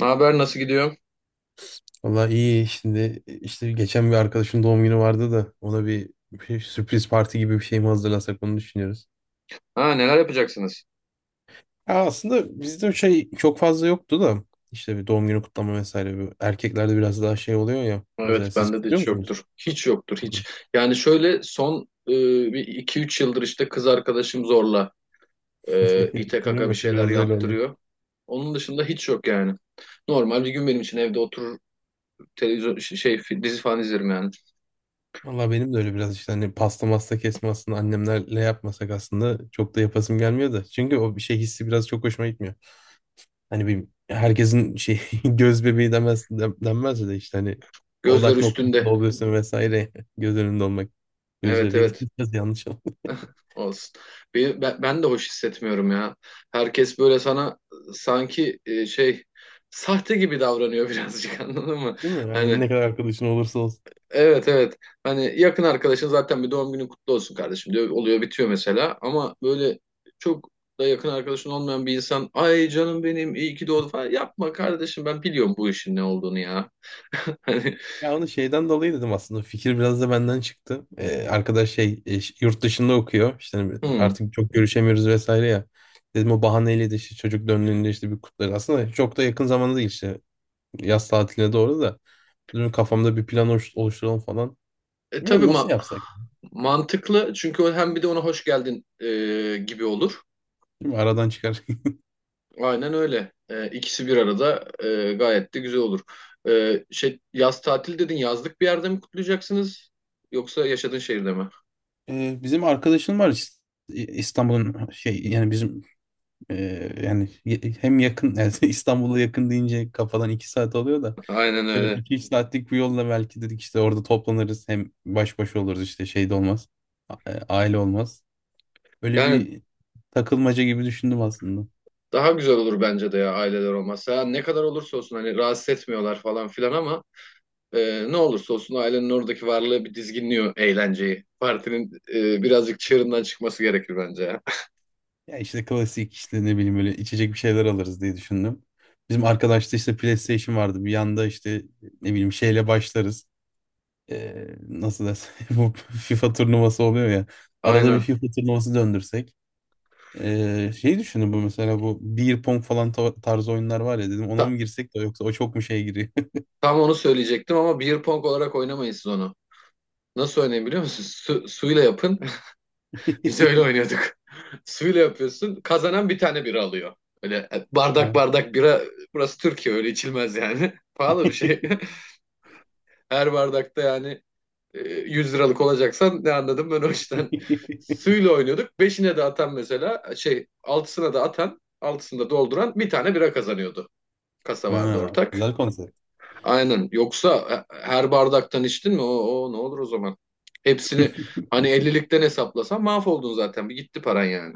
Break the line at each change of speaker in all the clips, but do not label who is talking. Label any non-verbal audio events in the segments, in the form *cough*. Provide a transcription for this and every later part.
Ne haber, nasıl gidiyor?
Vallahi iyi şimdi işte geçen bir arkadaşın doğum günü vardı da ona bir sürpriz parti gibi bir şey mi hazırlasak onu düşünüyoruz.
Ha, neler yapacaksınız?
Ya aslında bizde o şey çok fazla yoktu da işte bir doğum günü kutlama vesaire. Erkeklerde biraz daha şey oluyor ya.
Evet,
Mesela siz
bende de
kutluyor
hiç
musunuz?
yoktur. Hiç yoktur
Hı.
hiç. Yani şöyle son e, bir iki üç yıldır işte kız arkadaşım zorla,
*laughs*
ite
Değil
kaka bir
mi?
şeyler
Biraz öyle oldu.
yaptırıyor. Onun dışında hiç yok yani. Normal bir gün benim için evde oturur, televizyon dizi falan izlerim yani.
Valla benim de öyle biraz işte hani pasta masta kesme aslında annemlerle yapmasak aslında çok da yapasım gelmiyor da. Çünkü o bir şey hissi biraz çok hoşuma gitmiyor. Hani bir herkesin şey *laughs* göz bebeği demez, denmez de işte hani
Gözler
odak noktası
üstünde.
oluyorsun vesaire göz önünde olmak. Göz
Evet,
bebeği *laughs* de
evet,
biraz yanlış oldu.
olsun. Ben de hoş hissetmiyorum ya. Herkes böyle sana, sanki, sahte gibi davranıyor birazcık, *laughs* anladın mı?
Değil mi? Yani
Hani.
ne kadar arkadaşın olursa olsun.
Evet, evet. Hani yakın arkadaşın zaten bir "doğum günün kutlu olsun kardeşim" diyor. Oluyor bitiyor mesela. Ama böyle çok da yakın arkadaşın olmayan bir insan "ay canım benim iyi ki doğdu" falan, yapma kardeşim, ben biliyorum bu işin ne olduğunu ya. *laughs* Hani.
Ya onu şeyden dolayı dedim aslında. Fikir biraz da benden çıktı. Arkadaş şey yurt dışında okuyor. İşte hani
Hmm.
artık çok görüşemiyoruz vesaire ya. Dedim o bahaneyle de işte çocuk döndüğünde işte bir kutlarız. Aslında çok da yakın zamanda değil işte. Yaz tatiline doğru da. Dedim kafamda bir plan oluşturalım falan.
Tabii,
Bilmiyorum nasıl yapsak?
mantıklı, çünkü o hem bir de ona hoş geldin gibi olur.
Değil mi? Aradan çıkar. *laughs*
Aynen öyle. İkisi bir arada, gayet de güzel olur. Yaz tatil dedin, yazlık bir yerde mi kutlayacaksınız yoksa yaşadığın şehirde mi?
Bizim arkadaşım var İstanbul'un şey yani bizim e, yani hem yakın *laughs* yani İstanbul'a yakın deyince kafadan 2 saat oluyor da
Aynen
işte böyle
öyle.
2-3 saatlik bir yolla belki dedik işte orada toplanırız hem baş başa oluruz işte şey de olmaz aile olmaz. Öyle
Yani,
bir takılmaca gibi düşündüm aslında.
daha güzel olur bence de, ya aileler olmazsa. Ya ne kadar olursa olsun hani, rahatsız etmiyorlar falan filan ama ne olursa olsun, ailenin oradaki varlığı bir dizginliyor eğlenceyi. Partinin birazcık çığırından çıkması gerekir bence ya.
Ya işte klasik işte ne bileyim böyle içecek bir şeyler alırız diye düşündüm. Bizim arkadaşta işte PlayStation vardı. Bir yanda işte ne bileyim şeyle başlarız. Nasıl desem *laughs* bu FIFA turnuvası oluyor ya.
*laughs*
Arada bir
Aynen.
FIFA turnuvası döndürsek. Şey düşündüm bu mesela bu beer pong falan tarzı oyunlar var ya dedim ona
Ta-
mı girsek de yoksa o çok mu şeye giriyor?
tam onu söyleyecektim ama beer pong olarak oynamayın siz onu. Nasıl oynayın biliyor musunuz? Suyla yapın. *laughs* Biz öyle
*laughs*
oynuyorduk. *laughs* Suyla yapıyorsun. Kazanan bir tane bira alıyor. Öyle bardak
Ha.
bardak bira. Burası Türkiye, öyle içilmez yani. *laughs* Pahalı bir şey.
*laughs*
*laughs* Her bardakta yani 100 liralık olacaksan, ne anladım ben o işten. *laughs* Suyla oynuyorduk. Beşine de atan mesela, altısına da atan, altısında dolduran bir tane bira kazanıyordu. Kasa vardı
Ha,
ortak.
güzel konsept.
Aynen. Yoksa her bardaktan içtin mi, o ne olur o zaman. Hepsini hani ellilikten hesaplasan mahvoldun zaten. Bir gitti paran yani.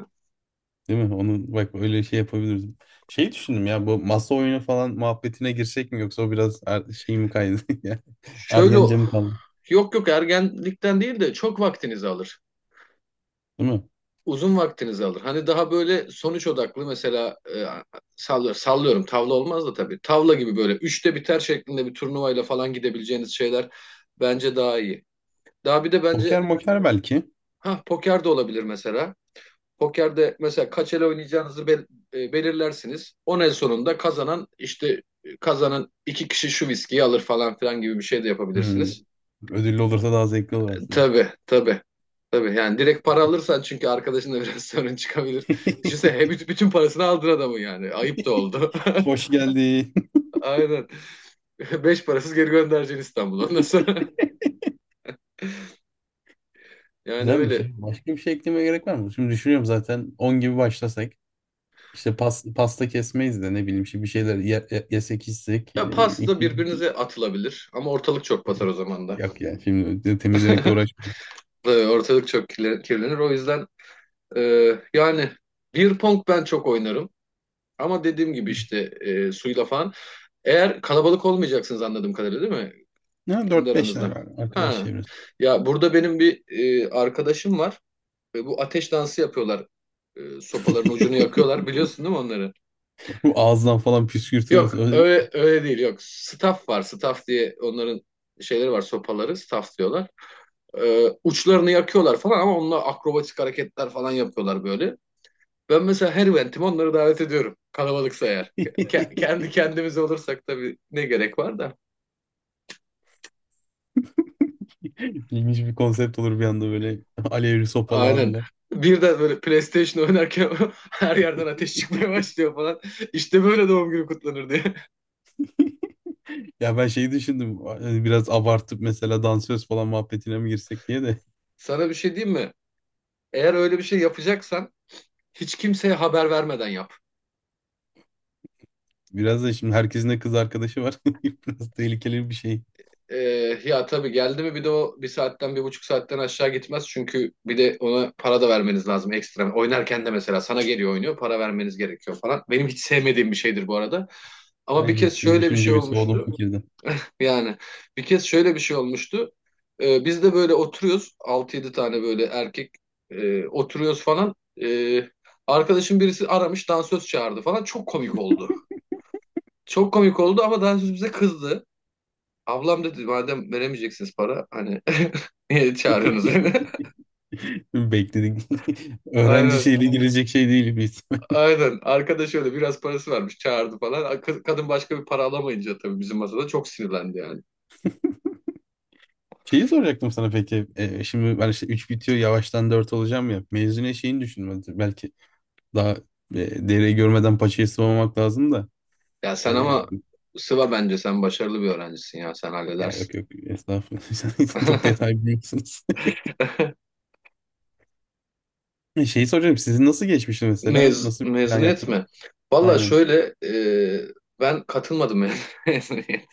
Değil mi? Onu bak öyle şey yapabiliriz. Şey düşündüm ya bu masa oyunu falan muhabbetine girsek mi yoksa o biraz şey mi kaydı *laughs* ya?
Şöyle,
Ergence mi kaldı?
yok yok, ergenlikten değil de çok vaktinizi alır.
Değil mi?
Uzun vaktinizi alır. Hani daha böyle sonuç odaklı mesela, sallıyorum, sallıyorum tavla olmaz da tabii. Tavla gibi böyle üçte biter şeklinde bir turnuvayla falan gidebileceğiniz şeyler bence daha iyi. Daha bir de
Poker
bence,
moker belki.
ha, poker de olabilir mesela. Pokerde mesela kaç el oynayacağınızı belirlersiniz. 10 el sonunda kazanan işte, e, kazanan iki kişi şu viskiyi alır falan filan gibi bir şey de
Hmm.
yapabilirsiniz.
Ödüllü olursa daha zevkli olur aslında.
Tabii, tabii. Tabii yani, direkt para alırsan çünkü arkadaşınla biraz *laughs* sorun çıkabilir. Düşünsene,
*laughs*
hep bütün parasını aldın adamın yani. Ayıp da oldu.
Hoş geldin.
*laughs* Aynen. *laughs* Beş parasız geri göndereceksin İstanbul'a. Nasıl? *laughs*
*laughs*
Yani
Güzel bir
öyle.
şey. Başka bir şey eklemeye gerek var mı? Şimdi düşünüyorum zaten 10 gibi başlasak. İşte pas, pasta kesmeyiz de ne bileyim işte bir şeyler yesek içsek.
Ya
e,
pas
iki-
birbirinize atılabilir. Ama ortalık çok batar o zaman da.
yok yani şimdi temizlemekle
*laughs*
uğraşmayalım.
Tabii, ortalık çok kirlenir. O yüzden e, yani, bir pong ben çok oynarım. Ama dediğim gibi işte, suyla falan. Eğer kalabalık olmayacaksınız anladığım kadarıyla, değil mi?
Ne
Kendi
dört beşler
aranızda.
var arkadaş
Ha.
çevresi.
Ya burada benim bir arkadaşım var. Bu ateş dansı yapıyorlar. Sopaların ucunu yakıyorlar.
*laughs*
Biliyorsun değil mi onları?
Bu ağızdan falan püskürtmesi
Yok
öyle.
öyle, öyle değil, yok. Staff var. Staff diye onların şeyleri var, sopaları. Staff diyorlar. Uçlarını yakıyorlar falan ama onunla akrobatik hareketler falan yapıyorlar böyle. Ben mesela her eventime onları davet ediyorum. Kalabalıksa eğer.
*laughs*
Kendi kendimiz olursak tabii, ne gerek var da.
İlginç bir konsept olur bir anda böyle *laughs* alevli sopalı
Aynen.
abiler.
Bir de böyle PlayStation oynarken *laughs* her yerden ateş çıkmaya başlıyor falan. İşte böyle doğum günü kutlanır diye.
Ya ben şeyi düşündüm hani biraz abartıp mesela dansöz falan muhabbetine mi girsek diye de.
*laughs* Sana bir şey diyeyim mi? Eğer öyle bir şey yapacaksan, hiç kimseye haber vermeden yap.
Biraz da şimdi herkesin de kız arkadaşı var. *laughs* Biraz tehlikeli bir şey.
Ee, Ya tabii, geldi mi bir de o, bir saatten bir buçuk saatten aşağı gitmez. Çünkü bir de ona para da vermeniz lazım, ekstra. Oynarken de mesela sana geliyor, oynuyor, para vermeniz gerekiyor falan. Benim hiç sevmediğim bir şeydir bu arada. Ama bir
Aynen.
kez
Şimdi
şöyle bir şey
düşününce bir soğudum
olmuştu.
fikirden.
Yani bir kez şöyle bir şey olmuştu. Biz de böyle oturuyoruz. Altı yedi tane böyle erkek oturuyoruz falan. Ee, Arkadaşım birisi aramış, dansöz çağırdı falan. Çok komik oldu. Çok komik oldu ama dansöz bize kızdı. Ablam dedi "madem veremeyeceksiniz para hani *laughs* niye çağırıyorsunuz
*laughs*
beni?" *laughs*
Bekledik. *laughs* Öğrenci
Aynen,
şeyle girecek şey değil biz.
aynen. Arkadaş öyle biraz parası varmış, çağırdı falan. Kadın başka bir para alamayınca tabii bizim masada çok sinirlendi yani.
Şeyi soracaktım sana peki. Şimdi ben işte 3 bitiyor yavaştan 4 olacağım ya. Mezune şeyini düşünmedim. Belki daha dereyi görmeden paçayı sıvamamak lazım da.
Ya sen
Ee,
ama, sıva bence, sen başarılı bir öğrencisin ya, sen
ya yok
halledersin.
yok estağfurullah. *laughs* Sen çok
*laughs*
detay biliyorsunuz.
*laughs*
*laughs* Şeyi soracağım. Sizin nasıl geçmişti mesela? Nasıl bir plan
Mezuniyet
yaptınız?
mi? Valla
Aynen.
şöyle, ben katılmadım *laughs* mezuniyet.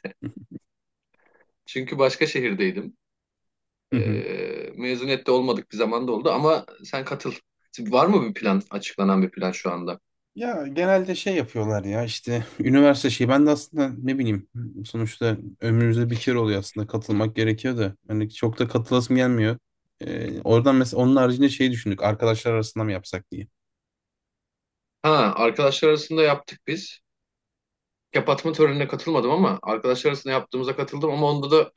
Çünkü başka şehirdeydim. E,
*laughs*
Mezuniyette olmadık bir zamanda oldu ama sen katıl. Var mı bir plan, açıklanan bir plan şu anda?
Ya genelde şey yapıyorlar ya işte üniversite şeyi ben de aslında ne bileyim sonuçta ömrümüzde bir kere oluyor aslında katılmak gerekiyor da hani çok da katılasım gelmiyor. Oradan mesela onun haricinde şey düşündük arkadaşlar arasında mı yapsak diye.
Ha, arkadaşlar arasında yaptık biz. Kapatma törenine katılmadım ama arkadaşlar arasında yaptığımıza katıldım, ama onda da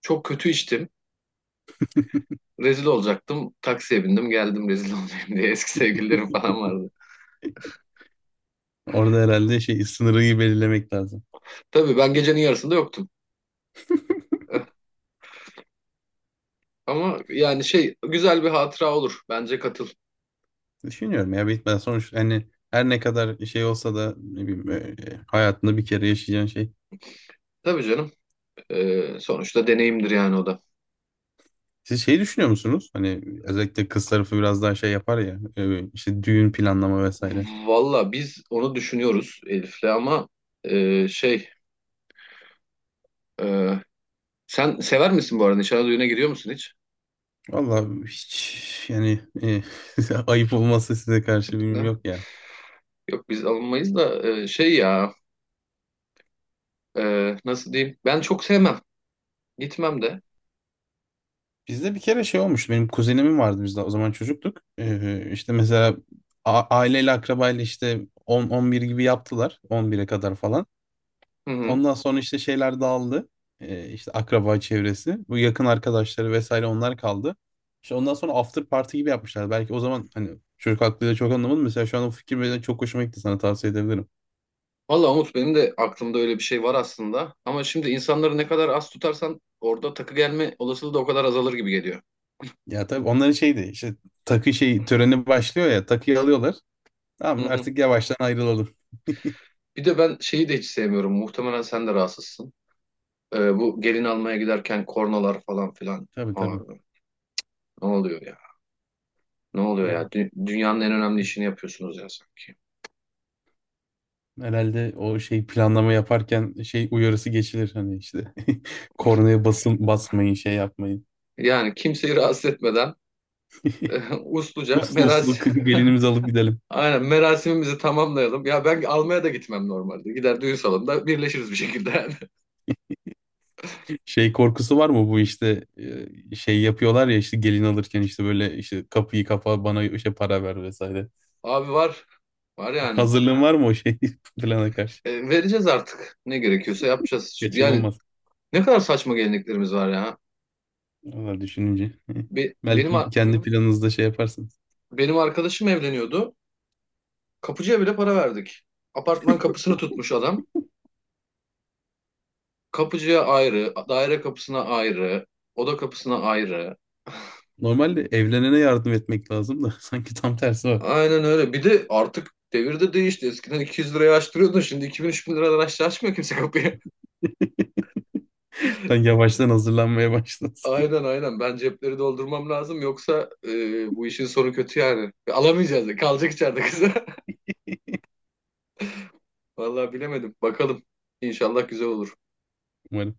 çok kötü içtim. Rezil olacaktım. Taksiye bindim geldim, rezil *laughs* olmayayım diye. Eski sevgililerim falan vardı.
Orada herhalde şey sınırı iyi belirlemek lazım.
Tabii, ben gecenin yarısında yoktum. Ee, Ama yani güzel bir hatıra olur. Bence katıl.
Düşünüyorum ya bitmeden sonuç hani her ne kadar şey olsa da ne bileyim hayatında bir kere yaşayacağın şey.
Tabii canım. Sonuçta deneyimdir yani, o da.
Siz şey düşünüyor musunuz? Hani özellikle kız tarafı biraz daha şey yapar ya işte düğün planlama vesaire.
Valla biz onu düşünüyoruz Elif'le ama, e, şey e, sen sever misin bu arada? Nişana, düğüne gidiyor musun hiç?
Vallahi hiç yani *laughs* ayıp olmazsa size karşı birim
Eh,
yok ya.
Yok, biz alınmayız da, ya nasıl diyeyim? Ben çok sevmem. Gitmem de.
Bizde bir kere şey olmuştu. Benim kuzenimin vardı bizde o zaman çocuktuk. İşte mesela aileyle akrabayla işte 10-11 gibi yaptılar. 11'e kadar falan.
Hı hı.
Ondan sonra işte şeyler dağıldı. İşte akraba çevresi. Bu yakın arkadaşları vesaire onlar kaldı. İşte ondan sonra after party gibi yapmışlar. Belki o zaman hani çocuk aklıyla çok anlamadım. Mesela şu an o fikir benim çok hoşuma gitti. Sana tavsiye edebilirim.
Valla Umut, benim de aklımda öyle bir şey var aslında. Ama şimdi insanları ne kadar az tutarsan, orada takı gelme olasılığı da o kadar azalır gibi geliyor.
Ya tabii onların şeydi işte takı şey töreni başlıyor ya takıyı alıyorlar.
Hı
Tamam
hı.
artık yavaştan ayrılalım.
Bir de ben şeyi de hiç sevmiyorum. Muhtemelen sen de rahatsızsın. Bu gelin almaya giderken, kornalar falan filan.
Tabii tabii.
Abi, ne oluyor ya? Ne oluyor ya?
Ya
Dünyanın en önemli işini yapıyorsunuz ya sanki.
herhalde o şey planlama yaparken şey uyarısı geçilir hani işte *laughs* kornaya basın basmayın şey yapmayın.
Yani kimseyi rahatsız etmeden, *laughs* usluca
Uslu uslu
merasim.
kız gelinimizi alıp gidelim.
*laughs* Aynen, merasimimizi tamamlayalım. Ya ben almaya da gitmem normalde. Gider, düğün salonunda birleşiriz bir şekilde yani.
Şey korkusu var mı bu işte şey yapıyorlar ya işte gelin alırken işte böyle işte kapıyı kapa bana işte para ver vesaire.
*laughs* Abi var. Var
*laughs*
yani.
Hazırlığın var mı o şey *laughs* plana karşı?
Vereceğiz artık. Ne gerekiyorsa yapacağız. Yani
Kaçınılmaz.
ne kadar saçma geleneklerimiz var ya.
Valla düşününce. *laughs*
Be- benim
Belki kendi planınızda şey yaparsınız.
Benim arkadaşım evleniyordu. Kapıcıya bile para verdik. Apartman kapısını tutmuş adam. Kapıcıya ayrı, daire kapısına ayrı, oda kapısına ayrı.
Normalde evlenene yardım etmek lazım da *laughs* sanki tam tersi var.
Aynen öyle. Bir de artık devir de değişti. Eskiden 200 liraya açtırıyordun. Şimdi 2000-3000 liradan aşağı açmıyor kimse kapıyı.
*laughs* Sen yavaştan hazırlanmaya
*laughs*
başlasın
Aynen, aynen. Ben cepleri doldurmam lazım. Yoksa bu işin sonu kötü yani. Alamayacağız. Kalacak içeride kızı. *laughs* Vallahi bilemedim. Bakalım. İnşallah güzel olur.
*laughs* umarım.